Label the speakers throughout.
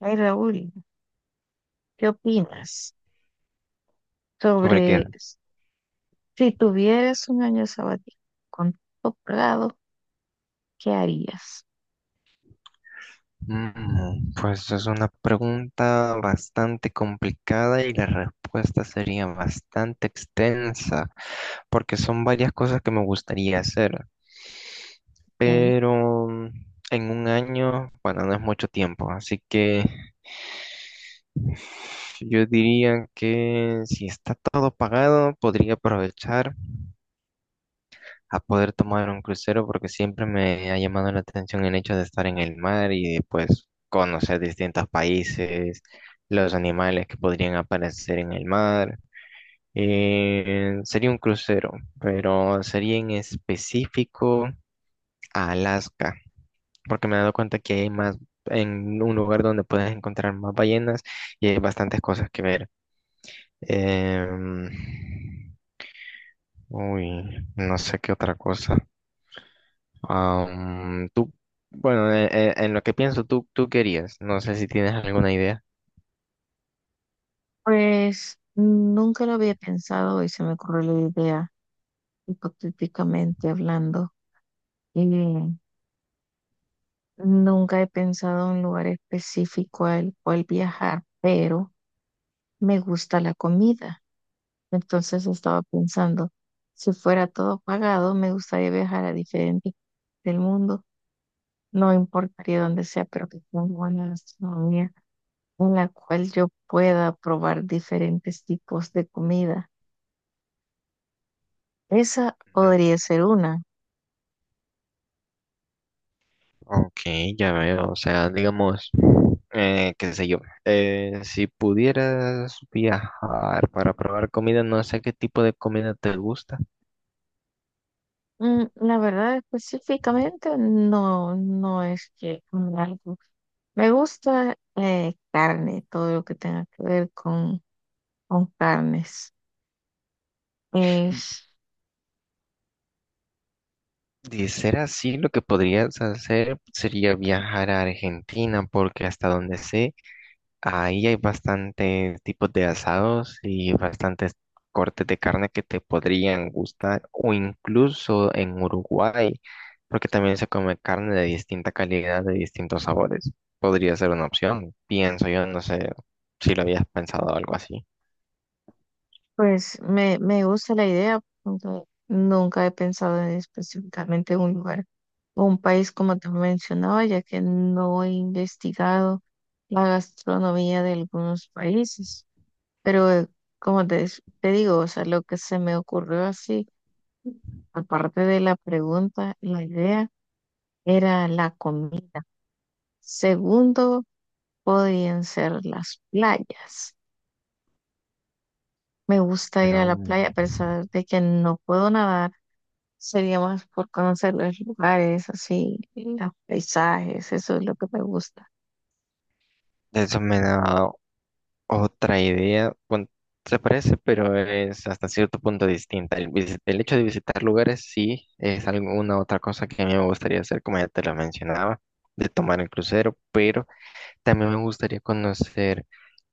Speaker 1: Ay, Raúl, ¿qué opinas
Speaker 2: ¿Sobre qué?
Speaker 1: sobre si tuvieras un año sabático con todo pagado, qué harías?
Speaker 2: Pues es una pregunta bastante complicada y la respuesta sería bastante extensa, porque son varias cosas que me gustaría hacer,
Speaker 1: Ok.
Speaker 2: pero en un año, bueno, no es mucho tiempo, así que yo diría que si está todo pagado, podría aprovechar a poder tomar un crucero porque siempre me ha llamado la atención el hecho de estar en el mar y de, pues conocer distintos países, los animales que podrían aparecer en el mar. Sería un crucero, pero sería en específico a Alaska, porque me he dado cuenta que hay más en un lugar donde puedes encontrar más ballenas y hay bastantes cosas que ver. Em, Uy, no sé qué otra cosa. Tú, bueno, en, lo que pienso, tú querías. No sé si tienes alguna idea.
Speaker 1: Pues nunca lo había pensado y se me ocurrió la idea, hipotéticamente hablando. Y nunca he pensado en un lugar específico al cual viajar, pero me gusta la comida. Entonces estaba pensando, si fuera todo pagado, me gustaría viajar a diferentes del mundo. No importaría dónde sea, pero que tenga buena gastronomía en la cual yo pueda probar diferentes tipos de comida. Esa podría
Speaker 2: Ujú.
Speaker 1: ser una.
Speaker 2: Ok, ya veo. O sea, digamos, qué sé yo, si pudieras viajar para probar comida, no sé qué tipo de comida te gusta.
Speaker 1: Mm, la verdad, específicamente, no, no es que me algo. Me gusta carne, todo lo que tenga que ver con carnes. Es.
Speaker 2: De ser así, lo que podrías hacer sería viajar a Argentina, porque hasta donde sé, ahí hay bastantes tipos de asados y bastantes cortes de carne que te podrían gustar, o incluso en Uruguay, porque también se come carne de distinta calidad, de distintos sabores. Podría ser una opción, pienso yo, no sé si lo habías pensado algo así.
Speaker 1: Pues me gusta la idea, aunque nunca he pensado en específicamente un lugar o un país como te mencionaba, ya que no he investigado la gastronomía de algunos países. Pero como te, te digo, o sea, lo que se me ocurrió así, aparte de la pregunta, la idea era la comida. Segundo, podían ser las playas. Me gusta ir a la
Speaker 2: No,
Speaker 1: playa a pesar de que no puedo nadar. Sería más por conocer los lugares, así, y los paisajes, eso es lo que me gusta.
Speaker 2: eso me da otra idea, bueno, se parece, pero es hasta cierto punto distinta. El, el hecho de visitar lugares sí es alguna otra cosa que a mí me gustaría hacer, como ya te lo mencionaba, de tomar el crucero, pero también me gustaría conocer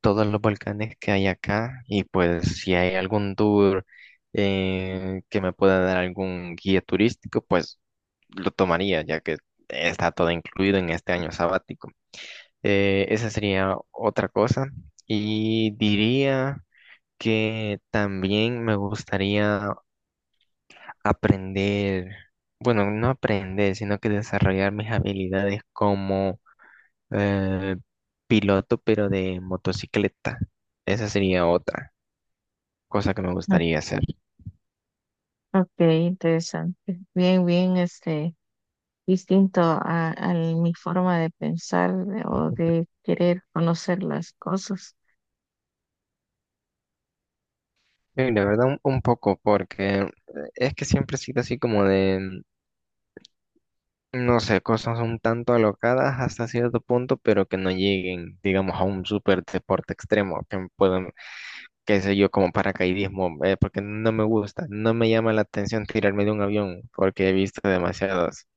Speaker 2: todos los volcanes que hay acá y pues si hay algún tour que me pueda dar algún guía turístico, pues lo tomaría, ya que está todo incluido en este año sabático. Esa sería otra cosa. Y diría que también me gustaría aprender, bueno, no aprender, sino que desarrollar mis habilidades como eh, piloto, pero de motocicleta. Esa sería otra cosa que me
Speaker 1: Mm,
Speaker 2: gustaría hacer.
Speaker 1: Ok, interesante. Bien, bien, distinto a mi forma de pensar o de querer conocer las cosas.
Speaker 2: Y la verdad, un poco, porque es que siempre he sido así como de no sé, cosas un tanto alocadas hasta cierto punto, pero que no lleguen, digamos, a un super deporte extremo, que puedan, qué sé yo, como paracaidismo, porque no me gusta, no me llama la atención tirarme de un avión, porque he visto demasiadas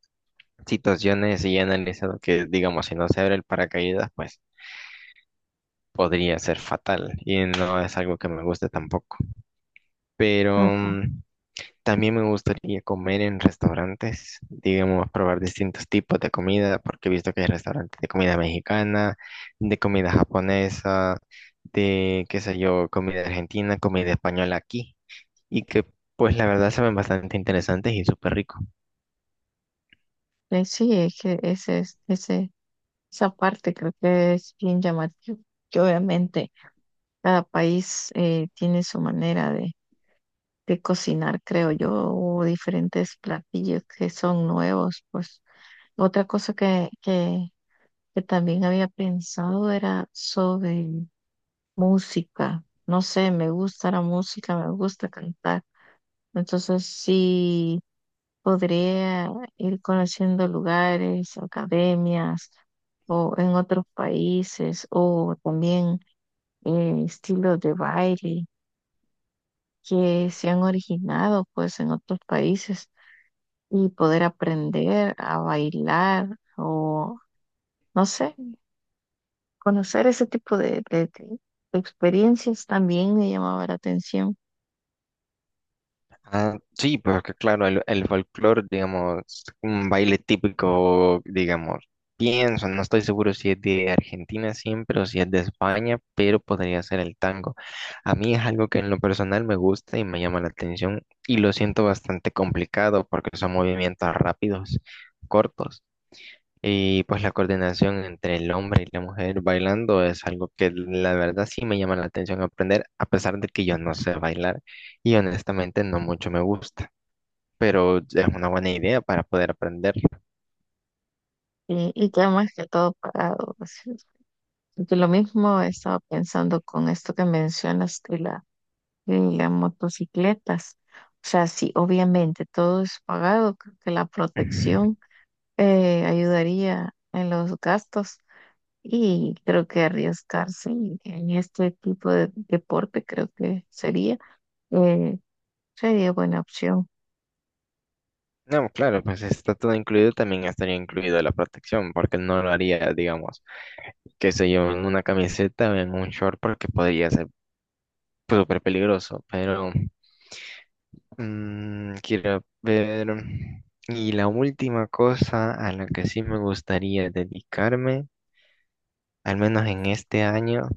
Speaker 2: situaciones y he analizado que, digamos, si no se abre el paracaídas, pues podría ser fatal y no es algo que me guste tampoco. Pero
Speaker 1: Ok.
Speaker 2: también me gustaría comer en restaurantes, digamos, probar distintos tipos de comida, porque he visto que hay restaurantes de comida mexicana, de comida japonesa, de, qué sé yo, comida argentina, comida española aquí, y que pues la verdad saben bastante interesantes y súper ricos.
Speaker 1: Sí, es que ese, esa parte creo que es bien llamativa. Que obviamente cada país tiene su manera de cocinar, creo yo, o diferentes platillos que son nuevos, pues. Otra cosa que también había pensado era sobre música. No sé, me gusta la música, me gusta cantar. Entonces sí podría ir conociendo lugares, academias o en otros países o también estilos de baile que se han originado pues en otros países y poder aprender a bailar o no sé. Conocer ese tipo de, de experiencias también me llamaba la atención.
Speaker 2: Ah, sí, porque claro, el folclore, digamos, un baile típico, digamos, pienso, no estoy seguro si es de Argentina siempre o si es de España, pero podría ser el tango. A mí es algo que en lo personal me gusta y me llama la atención y lo siento bastante complicado porque son movimientos rápidos, cortos. Y pues la coordinación entre el hombre y la mujer bailando es algo que la verdad sí me llama la atención aprender, a pesar de que yo no sé bailar y honestamente no mucho me gusta, pero es una buena idea para poder aprenderlo.
Speaker 1: Y ya más que todo pagado. Así es. Porque lo mismo estaba pensando con esto que mencionas de la, de las motocicletas. O sea, sí, obviamente todo es pagado, creo que la protección ayudaría en los gastos y creo que arriesgarse en este tipo de deporte creo que sería, eh, sería buena opción.
Speaker 2: No, claro, pues está todo incluido, también estaría incluido la protección, porque no lo haría, digamos, qué sé yo, en una camiseta o en un short, porque podría ser súper peligroso, pero... Mm, quiero ver. mm, Y la última cosa a la que sí me gustaría dedicarme, al menos en este año,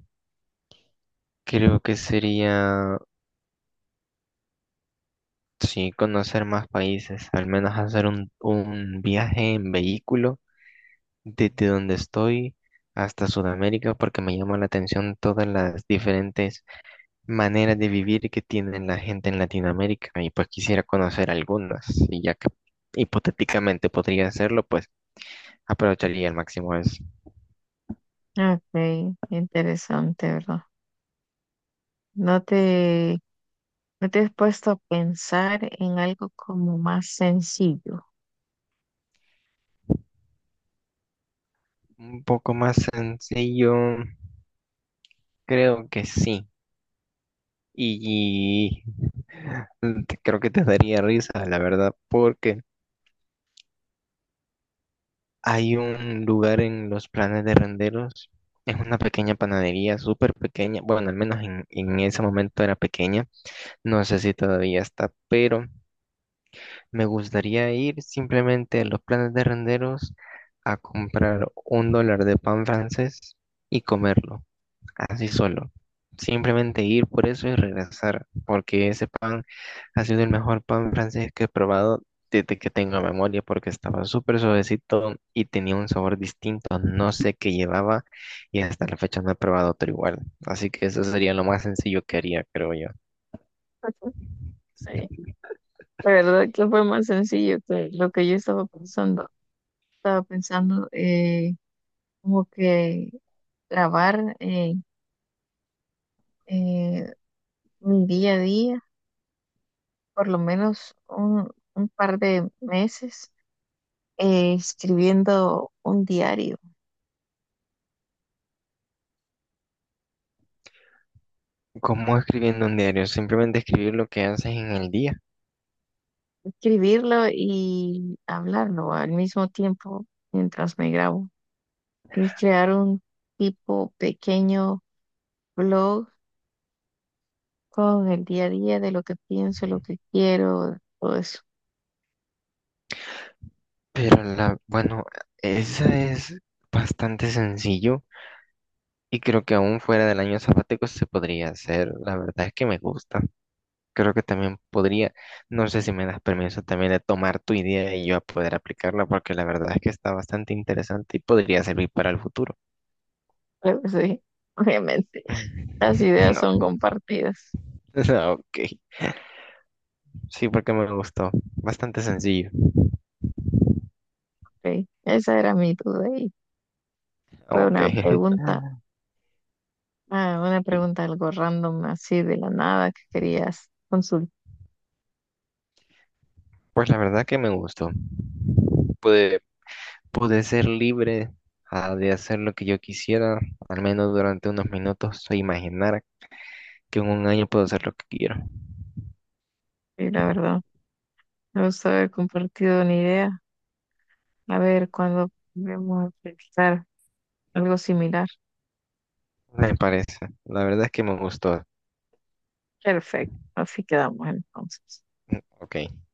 Speaker 2: creo que sería, sí, conocer más países, al menos hacer un viaje en vehículo desde donde estoy hasta Sudamérica, porque me llama la atención todas las diferentes maneras de vivir que tienen la gente en Latinoamérica y pues quisiera conocer algunas, y ya que hipotéticamente podría hacerlo, pues aprovecharía al máximo eso.
Speaker 1: Ok, interesante, ¿verdad? No te, no te has puesto a pensar en algo como más sencillo.
Speaker 2: Un poco más sencillo, creo que sí. Y, creo que te daría risa, la verdad, porque hay un lugar en los planes de Renderos. Es una pequeña panadería, súper pequeña. Bueno, al menos en ese momento era pequeña. No sé si todavía está, pero me gustaría ir simplemente a los planes de Renderos a comprar un dólar de pan francés y comerlo, así solo. Simplemente ir por eso y regresar, porque ese pan ha sido el mejor pan francés que he probado desde que tengo memoria, porque estaba súper suavecito y tenía un sabor distinto, no sé qué llevaba y hasta la fecha no he probado otro igual. Así que eso sería lo más sencillo que haría, creo yo.
Speaker 1: Ujú. Sí, la verdad que fue más sencillo que lo que yo estaba pensando. Estaba pensando como que grabar eh, mi día a día, por lo menos un par de meses, escribiendo un diario,
Speaker 2: ¿Cómo escribiendo un diario? Simplemente escribir lo que haces en el día.
Speaker 1: escribirlo y hablarlo al mismo tiempo mientras me grabo. Y crear un tipo pequeño blog con el día a día de lo que pienso, lo que quiero, todo eso.
Speaker 2: Pero la, bueno, esa es bastante sencillo. Y creo que aún fuera del año sabático se podría hacer. La verdad es que me gusta. Creo que también podría. No sé si me das permiso también de tomar tu idea y yo a poder aplicarla, porque la verdad es que está bastante interesante y podría servir para el futuro.
Speaker 1: Pero sí, obviamente, las ideas
Speaker 2: No,
Speaker 1: son compartidas.
Speaker 2: no, ok. Sí, porque me gustó. Bastante sencillo.
Speaker 1: Ok, esa era mi duda y fue
Speaker 2: Ok.
Speaker 1: una pregunta, una pregunta algo random así de la nada que querías consultar,
Speaker 2: Pues la verdad que me gustó. Pude ser libre, de hacer lo que yo quisiera, al menos durante unos minutos, o imaginar que en un año puedo hacer lo que quiero.
Speaker 1: y la verdad. Me gusta haber compartido una idea. A ver cuándo vamos a pensar algo similar.
Speaker 2: Me parece. La verdad es que me gustó.
Speaker 1: Perfecto, así quedamos entonces.
Speaker 2: Ok.